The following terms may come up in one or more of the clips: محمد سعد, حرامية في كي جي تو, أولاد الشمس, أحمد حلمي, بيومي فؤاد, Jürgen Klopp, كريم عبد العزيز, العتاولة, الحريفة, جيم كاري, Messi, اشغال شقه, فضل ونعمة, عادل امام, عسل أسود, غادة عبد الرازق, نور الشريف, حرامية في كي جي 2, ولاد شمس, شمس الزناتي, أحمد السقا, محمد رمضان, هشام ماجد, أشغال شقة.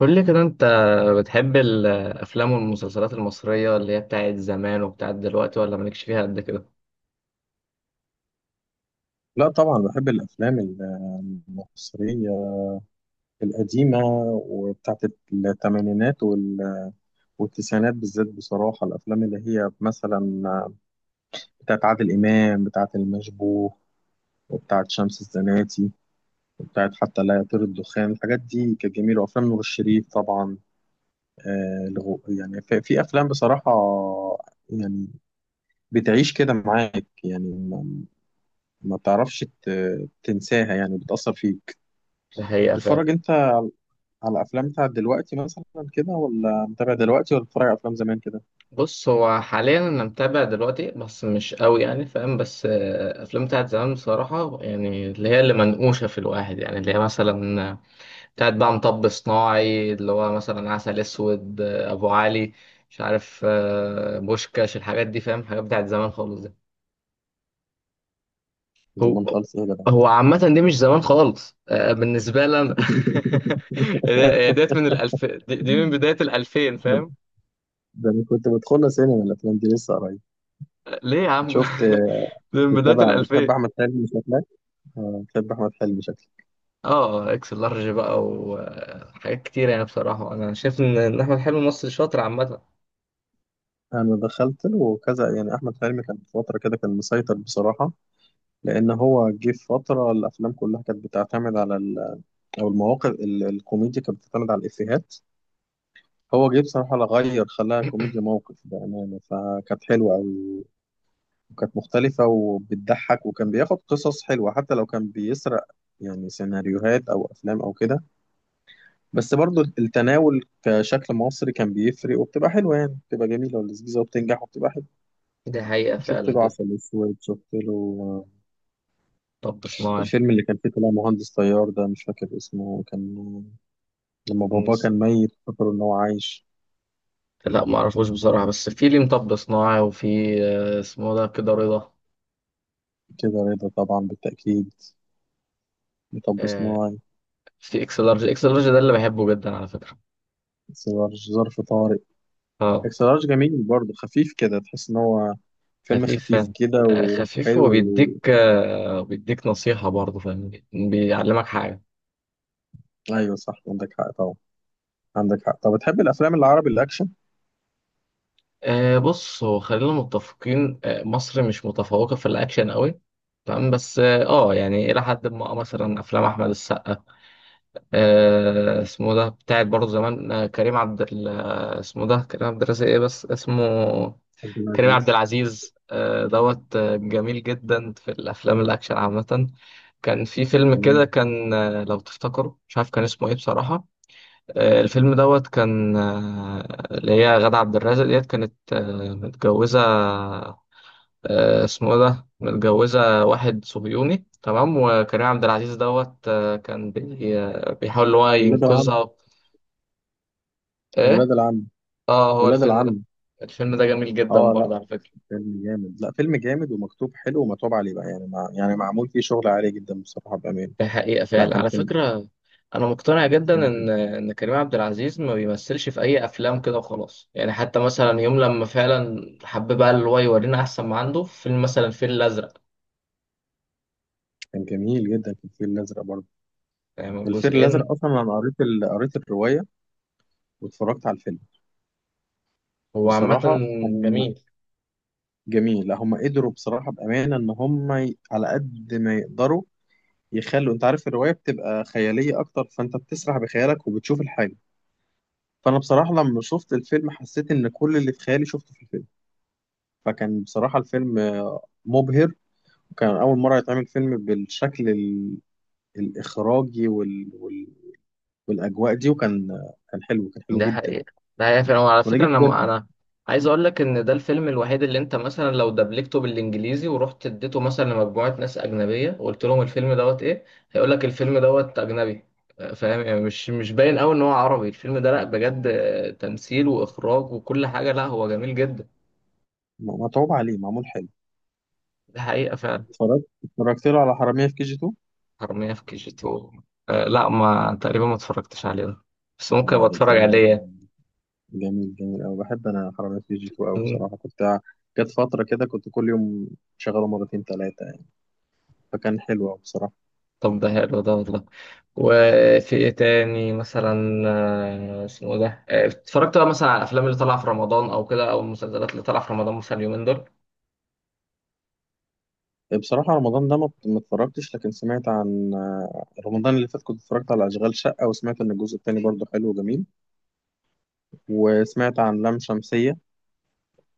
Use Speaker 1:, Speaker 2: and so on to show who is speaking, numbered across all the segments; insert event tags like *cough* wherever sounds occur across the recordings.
Speaker 1: قول لي كده انت بتحب الافلام والمسلسلات المصريه اللي هي بتاعت زمان وبتاعت دلوقتي ولا مالكش فيها قد كده؟
Speaker 2: لا، طبعا بحب الافلام المصريه القديمه، وبتاعت الثمانينات والتسعينات بالذات. بصراحه الافلام اللي هي مثلا بتاعت عادل امام، بتاعت المشبوه، وبتاعت شمس الزناتي، وبتاعت حتى لا يطير الدخان، الحاجات دي كانت جميله. وافلام نور الشريف طبعا. يعني في افلام بصراحه، يعني بتعيش كده معاك. يعني ما بتعرفش تنساها، يعني بتأثر فيك.
Speaker 1: ده حقيقه فعلا.
Speaker 2: تتفرج انت على افلام بتاعت دلوقتي مثلا كده، ولا متابع دلوقتي، ولا بتتفرج على افلام زمان كده؟
Speaker 1: بص، هو حاليا انا متابع دلوقتي بس مش قوي، يعني فاهم، بس افلام بتاعت زمان بصراحه، يعني اللي هي اللي منقوشه في الواحد، يعني اللي هي مثلا بتاعت بقى مطب صناعي، اللي هو مثلا عسل اسود، ابو علي، مش عارف، بوشكاش، الحاجات دي فاهم، حاجات بتاعت زمان خالص. هو
Speaker 2: زمان خالص ايه يا جدع!
Speaker 1: هو
Speaker 2: *laughs*
Speaker 1: عامة دي مش زمان خالص، بالنسبة لي أنا. *laughs* هي ديت من الألف، دي من بداية الألفين
Speaker 2: ده
Speaker 1: فاهم.
Speaker 2: ده انا كنت بدخلها سينما، الافلام دي لسه قريب.
Speaker 1: ليه يا عم؟
Speaker 2: شفت؟
Speaker 1: *laughs* دي من بداية
Speaker 2: بتتابع؟ بتحب
Speaker 1: الألفين.
Speaker 2: احمد حلمي شكلك. بتحب احمد حلمي شكلك.
Speaker 1: اه، اكس لارج بقى وحاجات كتير، يعني بصراحة أنا شايف إن أحمد حلمي مصري شاطر عامة.
Speaker 2: انا دخلت له كذا، يعني احمد حلمي كان في فتره كده كان مسيطر بصراحه، لان هو جه في فتره الافلام كلها كانت بتعتمد على او المواقف الكوميديا كانت بتعتمد على الافيهات. هو جه بصراحه لا غير، خلاها كوميديا
Speaker 1: *clears throat*
Speaker 2: موقف بامانه، فكانت حلوه قوي. وكانت مختلفة وبتضحك، وكان بياخد قصص حلوة حتى لو كان بيسرق يعني سيناريوهات أو أفلام أو كده، بس برضو التناول كشكل مصري كان بيفرق، وبتبقى حلوة، يعني بتبقى جميلة ولذيذة وبتنجح وبتبقى حلوة.
Speaker 1: دي حقيقة
Speaker 2: شفت
Speaker 1: فعلا
Speaker 2: له
Speaker 1: جدا.
Speaker 2: عسل أسود. شفت له آه،
Speaker 1: طب صناعي.
Speaker 2: الفيلم اللي كان فيه طلع مهندس طيار ده، مش فاكر اسمه، كان لما باباه
Speaker 1: مص-
Speaker 2: كان ميت فكروا إن هو عايش.
Speaker 1: لا، ما اعرفوش بصراحة، بس في ليه مطب صناعي، وفي اسمه ده كده رضا.
Speaker 2: كده رضا طبعا بالتأكيد. مطب
Speaker 1: آه،
Speaker 2: صناعي.
Speaker 1: في اكس لارج، اكس لارج ده اللي بحبه جدا على فكرة.
Speaker 2: ظرف طارق.
Speaker 1: اه،
Speaker 2: اكس لارج جميل برضه، خفيف كده، تحس ان هو فيلم
Speaker 1: خفيف
Speaker 2: خفيف
Speaker 1: فاهم.
Speaker 2: كده
Speaker 1: خفيف،
Speaker 2: وحلو
Speaker 1: هو بيديك، بيديك نصيحة برضه فاهم، بيعلمك حاجة.
Speaker 2: ايوه صح، عندك حق طبعا. عندك حق. طب بتحب الافلام العربي الاكشن؟
Speaker 1: بص، هو خلينا متفقين، مصر مش متفوقة في الأكشن قوي. تمام، بس اه، يعني إلى حد ما، مثلا أفلام أحمد السقا، اسمه ده بتاعت برضه زمان، آه، كريم عبد ال- آه، اسمه ده كريم عبد الرازق، إيه بس اسمه؟
Speaker 2: عبد
Speaker 1: كريم عبد
Speaker 2: العزيز.
Speaker 1: العزيز، دوت، جميل جدا في الافلام الاكشن عامه. كان في فيلم كده
Speaker 2: تمام.
Speaker 1: كان، لو تفتكروا مش عارف كان اسمه ايه بصراحه. الفيلم دوت كان، اللي هي غادة عبد الرازق ديت كانت، متجوزه، اسمه إيه ده، متجوزه واحد صهيوني تمام، وكريم عبد العزيز دوت كان بيحاول ان هو
Speaker 2: ولاد العم.
Speaker 1: ينقذها.
Speaker 2: ولاد
Speaker 1: ايه؟
Speaker 2: العم.
Speaker 1: اه، هو
Speaker 2: ولاد
Speaker 1: الفيلم
Speaker 2: العم.
Speaker 1: ده. الفيلم ده جميل جدا
Speaker 2: اه لا،
Speaker 1: برضه على فكره.
Speaker 2: فيلم جامد. لا فيلم جامد ومكتوب حلو ومتعوب عليه بقى، يعني يعني معمول فيه شغل عالي جدا بصراحه بامان.
Speaker 1: ده حقيقة
Speaker 2: لا
Speaker 1: فعلا
Speaker 2: كان
Speaker 1: على
Speaker 2: فيلم.
Speaker 1: فكرة. أنا مقتنع
Speaker 2: كان
Speaker 1: جدا إن
Speaker 2: فيلم-
Speaker 1: إن كريم عبد العزيز ما بيمثلش في أي أفلام كده وخلاص، يعني حتى مثلا يوم لما فعلا حب بقى اللي هو يورينا أحسن ما عنده في فيلم مثلا الفيل الأزرق.
Speaker 2: كان جميل جدا في الفيل الازرق برضه.
Speaker 1: يعني
Speaker 2: الفيل الازرق
Speaker 1: جزئين.
Speaker 2: اصلا انا قريت قريت الروايه واتفرجت على الفيلم.
Speaker 1: هو عامة.
Speaker 2: بصراحه هم
Speaker 1: جميل.
Speaker 2: جميل، لا هم قدروا بصراحة بأمانة إن هم على قد ما يقدروا يخلوا، أنت عارف الرواية بتبقى خيالية أكتر، فأنت بتسرح بخيالك وبتشوف الحاجة. فأنا بصراحة لما شفت الفيلم حسيت إن كل اللي في خيالي شفته في الفيلم، فكان بصراحة الفيلم مبهر. وكان أول مرة يتعمل فيلم بالشكل الإخراجي والأجواء دي، وكان كان حلو، كان حلو
Speaker 1: ده
Speaker 2: جدا
Speaker 1: حقيقة. ده حقيقة فعلا وعلى فكرة،
Speaker 2: ونجح
Speaker 1: أنا
Speaker 2: جدا.
Speaker 1: أنا عايز أقول لك إن ده الفيلم الوحيد اللي أنت مثلا لو دبلجته بالإنجليزي ورحت اديته مثلا لمجموعة ناس أجنبية وقلت لهم الفيلم دوت إيه، هيقول لك الفيلم دوت أجنبي. فاهم يعني مش باين أوي إن هو عربي الفيلم ده، لأ بجد، تمثيل وإخراج وكل حاجة، لأ هو جميل جدا.
Speaker 2: متعوب عليه، معمول حلو.
Speaker 1: ده حقيقة فعلا.
Speaker 2: اتفرجت له على حرامية في كي جي 2.
Speaker 1: حرامية في كي جي تو. لأ، ما تقريبا ما اتفرجتش عليه ده. بس ممكن أبقى
Speaker 2: يعني
Speaker 1: أتفرج
Speaker 2: الفيلم ده
Speaker 1: عليه.
Speaker 2: جميل، جميل أوي، بحب أنا حرامية في جي 2 أوي بصراحة. كنت جت فترة كده كنت كل يوم شغاله مرتين تلاتة يعني، فكان حلو أوي بصراحة.
Speaker 1: طب ده حلو ده والله. وفي ايه تاني مثلا، اسمه ده، اتفرجت بقى مثلا على الافلام اللي طالعه في رمضان او كده، او المسلسلات اللي طالعه في رمضان مثلا اليومين دول.
Speaker 2: بصراحة رمضان ده ما اتفرجتش، لكن سمعت عن رمضان اللي فات كنت اتفرجت على أشغال شقة، وسمعت إن الجزء التاني برضه حلو وجميل. وسمعت عن لام شمسية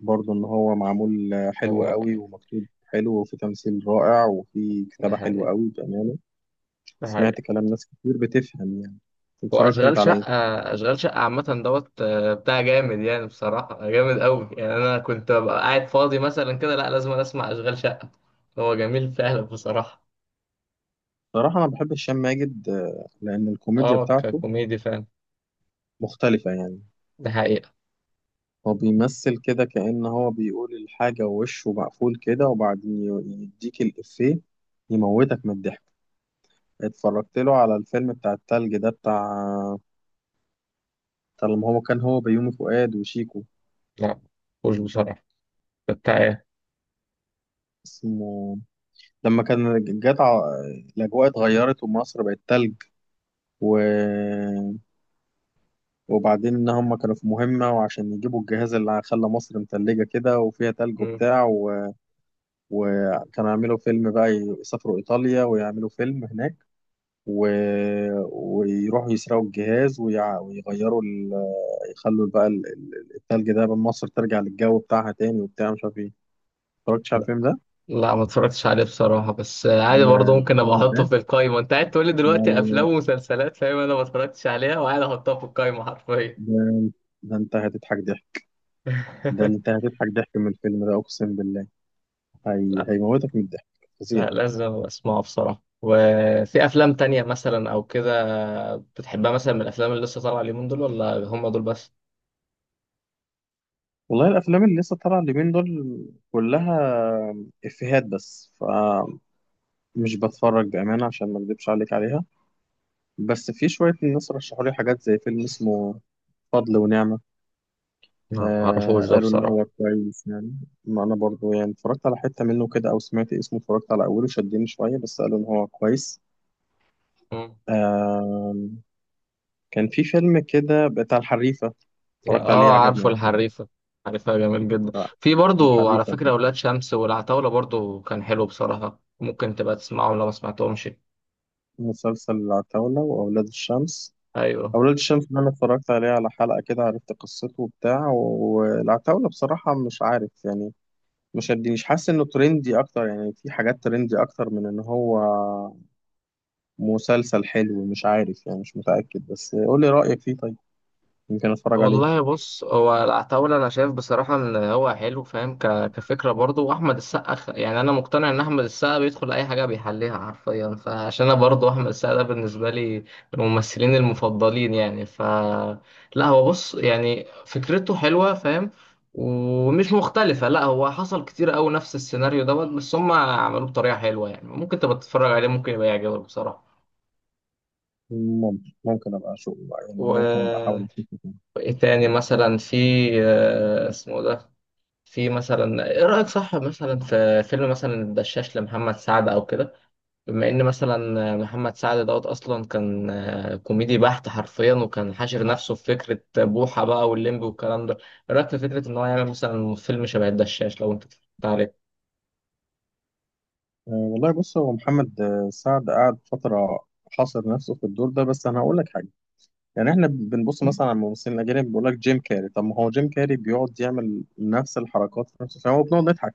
Speaker 2: برضه إن هو معمول حلو
Speaker 1: هو.
Speaker 2: أوي ومكتوب حلو، وفي تمثيل رائع وفي
Speaker 1: ده
Speaker 2: كتابة
Speaker 1: حقيقي.
Speaker 2: حلوة أوي بأمانة.
Speaker 1: ده حقيقي.
Speaker 2: سمعت كلام ناس كتير بتفهم يعني. اتفرجت
Speaker 1: واشغال
Speaker 2: أنت على
Speaker 1: شقه. اشغال شقه عامه دوت، بتاع جامد يعني بصراحه، جامد قوي يعني، انا كنت ببقى قاعد فاضي مثلا كده، لا لازم أنا اسمع اشغال شقه. هو جميل فعلا بصراحه.
Speaker 2: صراحة، أنا بحب هشام ماجد، لأن الكوميديا
Speaker 1: اه،
Speaker 2: بتاعته
Speaker 1: ككوميدي فعلا.
Speaker 2: مختلفة يعني.
Speaker 1: ده حقيقه.
Speaker 2: هو بيمثل كده كأن هو بيقول الحاجة ووشه مقفول كده، وبعدين يديك الإفيه، يموتك من الضحك. اتفرجت له على الفيلم بتاع التلج ده، بتاع طالما هو كان، هو بيومي فؤاد وشيكو.
Speaker 1: لا مش بصراحه. ده بتاع ايه؟
Speaker 2: اسمه لما كان جت الأجواء اتغيرت ومصر بقت تلج و... وبعدين إن هم كانوا في مهمة، وعشان يجيبوا الجهاز اللي خلى مصر متلجة كده وفيها تلج
Speaker 1: مم.
Speaker 2: وبتاع وكانوا يعملوا فيلم بقى، يسافروا إيطاليا ويعملوا فيلم هناك و... ويروحوا يسرقوا الجهاز ويغيروا يخلوا بقى التلج ده من مصر ترجع للجو بتاعها تاني، وبتاع مش عارف ايه. اتفرجتش على الفيلم ده؟
Speaker 1: لا، ما اتفرجتش عليه بصراحة، بس عادي
Speaker 2: ده
Speaker 1: برضه ممكن ابقى
Speaker 2: الفيلم
Speaker 1: احطه
Speaker 2: ده.
Speaker 1: في القايمة، انت قاعد تقول لي
Speaker 2: لا لا
Speaker 1: دلوقتي افلام
Speaker 2: لا.
Speaker 1: ومسلسلات فاهم انا ما اتفرجتش عليها، وقاعد احطها في القايمة حرفيا.
Speaker 2: ده. ده انت هتضحك ضحك. ده انت
Speaker 1: *laughs*
Speaker 2: هتضحك ضحك من الفيلم ده، اقسم بالله.
Speaker 1: لا،
Speaker 2: هيموتك من الضحك. فظيع.
Speaker 1: لا، لازم اسمعه بصراحة. وفي افلام تانية مثلا او كده بتحبها مثلا من الافلام اللي لسه طالعة اليومين دول، ولا هم دول بس؟
Speaker 2: والله الافلام اللي لسه طالعه اليومين دول كلها افيهات بس، مش بتفرج بأمانة عشان ما اكدبش عليك عليها. بس في شوية الناس رشحوا لي حاجات زي فيلم اسمه فضل ونعمة،
Speaker 1: لا، ما
Speaker 2: آه
Speaker 1: اعرفوش ده
Speaker 2: قالوا إن
Speaker 1: بصراحة.
Speaker 2: هو كويس يعني. ما أنا برضو يعني اتفرجت على حتة منه كده أو سمعت اسمه، اتفرجت على أوله شدني شوية، بس قالوا إن هو كويس.
Speaker 1: مم.
Speaker 2: آه كان في فيلم كده بتاع الحريفة،
Speaker 1: لا،
Speaker 2: اتفرجت عليه
Speaker 1: اه،
Speaker 2: عجبني
Speaker 1: عارفه
Speaker 2: أوي كده.
Speaker 1: الحريفة. حريفة جميل جدا.
Speaker 2: بتاع
Speaker 1: في برضو على
Speaker 2: الحريفة ده.
Speaker 1: فكرة ولاد شمس والعتاولة برضو، كان حلو بصراحة، ممكن تبقى تسمعهم لو ما سمعتهمش.
Speaker 2: مسلسل العتاولة وأولاد الشمس.
Speaker 1: ايوه.
Speaker 2: أولاد الشمس ده أنا اتفرجت عليه على حلقة كده، عرفت قصته وبتاع. والعتاولة بصراحة مش عارف يعني، مش شدني، مش حاسس انه ترندي اكتر، يعني في حاجات ترندي اكتر من ان هو مسلسل حلو، مش عارف يعني، مش متأكد. بس قول لي رأيك فيه طيب، يمكن اتفرج عليه.
Speaker 1: والله بص، هو العتاولة أنا شايف بصراحة إن هو حلو فاهم، كفكرة برضه، وأحمد السقا يعني أنا مقتنع إن أحمد السقا بيدخل أي حاجة بيحليها حرفيا، فعشان أنا برضه أحمد السقا ده بالنسبة لي من الممثلين المفضلين يعني لا هو بص، يعني فكرته حلوة فاهم، ومش مختلفة، لا هو حصل كتير أوي نفس السيناريو دوت، بس هم عملوه بطريقة حلوة يعني، ممكن تبقى تتفرج عليه، ممكن يبقى يعجبك بصراحة.
Speaker 2: ممكن ابقى اشوف بقى،
Speaker 1: و...
Speaker 2: يعني ممكن ابقى احاول اشوفه تاني.
Speaker 1: وإيه تاني مثلا في اسمه ده. في مثلا ايه رأيك، صح مثلا، في فيلم مثلا الدشاش لمحمد سعد او كده؟ بما ان مثلا محمد سعد دوت اصلا كان كوميدي بحت حرفيا، وكان حاشر نفسه في فكرة بوحة بقى واللمبي والكلام ده. ايه رأيك في فكرة ان هو يعمل مثلا فيلم شبه الدشاش، لو انت اتفرجت عليه؟
Speaker 2: أه والله، بص هو محمد سعد قعد فترة حاصر نفسه في الدور ده. بس انا هقول لك حاجة، يعني احنا بنبص مثلا على الممثلين الاجانب بيقول لك جيم كاري. طب ما هو جيم كاري بيقعد يعمل نفس الحركات في نفس الفيلم وبنقعد نضحك.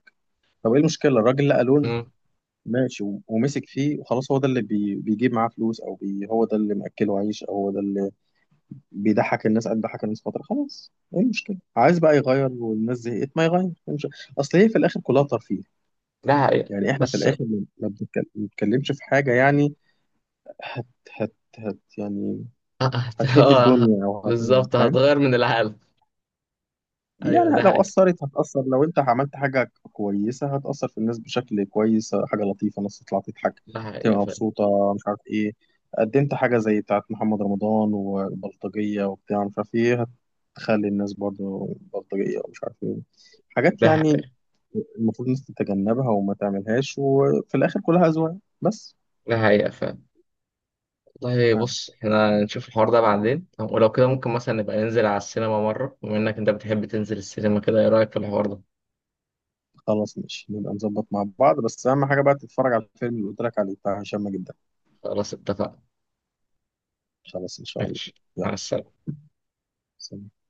Speaker 2: طب ايه المشكلة؟ الراجل لقى لون
Speaker 1: امم
Speaker 2: ماشي ومسك فيه وخلاص. هو ده اللي بيجيب معاه فلوس، او هو ده اللي مأكله عيش، او هو ده اللي بيضحك الناس. قد ضحك الناس فتره خلاص، ايه المشكله؟ عايز بقى يغير، والناس زهقت، ما يغير، إيه المشكلة؟ اصل هي في الاخر كلها ترفيه.
Speaker 1: ده حقيقة،
Speaker 2: يعني احنا في
Speaker 1: بس اه،
Speaker 2: الاخر ما بنتكلمش في حاجه يعني. هت هت هت يعني
Speaker 1: آه، *laughs*
Speaker 2: هتهد
Speaker 1: آه،
Speaker 2: الدنيا او
Speaker 1: بالظبط،
Speaker 2: فاهم؟
Speaker 1: هتغير من العالم.
Speaker 2: يعني
Speaker 1: ايوه ده
Speaker 2: لو
Speaker 1: حقيقة.
Speaker 2: أثرت هتأثر، لو أنت عملت حاجة كويسة هتأثر في الناس بشكل كويس، حاجة لطيفة الناس تطلع تضحك،
Speaker 1: ده حقيقة
Speaker 2: تبقى
Speaker 1: فعلا.
Speaker 2: مبسوطة مش عارف إيه. قدمت حاجة زي بتاعت محمد رمضان والبلطجية وبتاع مش عارف إيه، هتخلي الناس برضو بلطجية ومش عارف إيه، حاجات
Speaker 1: ده
Speaker 2: يعني
Speaker 1: حقيقة.
Speaker 2: المفروض الناس تتجنبها وما تعملهاش. وفي الآخر كلها أذواق بس.
Speaker 1: ده حقيقة فعلا. طيب
Speaker 2: يعني
Speaker 1: بص، احنا نشوف الحوار ده بعدين، ولو كده ممكن مثلا نبقى ننزل على السينما مرة، بما انك انت بتحب تنزل السينما كده، ايه رأيك في الحوار ده؟
Speaker 2: خلاص ماشي، نبقى نظبط مع بعض. بس أهم حاجة بقى تتفرج على الفيلم اللي قلت لك عليه بتاع هشام ماجد ده.
Speaker 1: خلاص اتفقنا.
Speaker 2: خلاص إن شاء الله.
Speaker 1: ماشي. مع
Speaker 2: يلا.
Speaker 1: السلامة.
Speaker 2: سلام.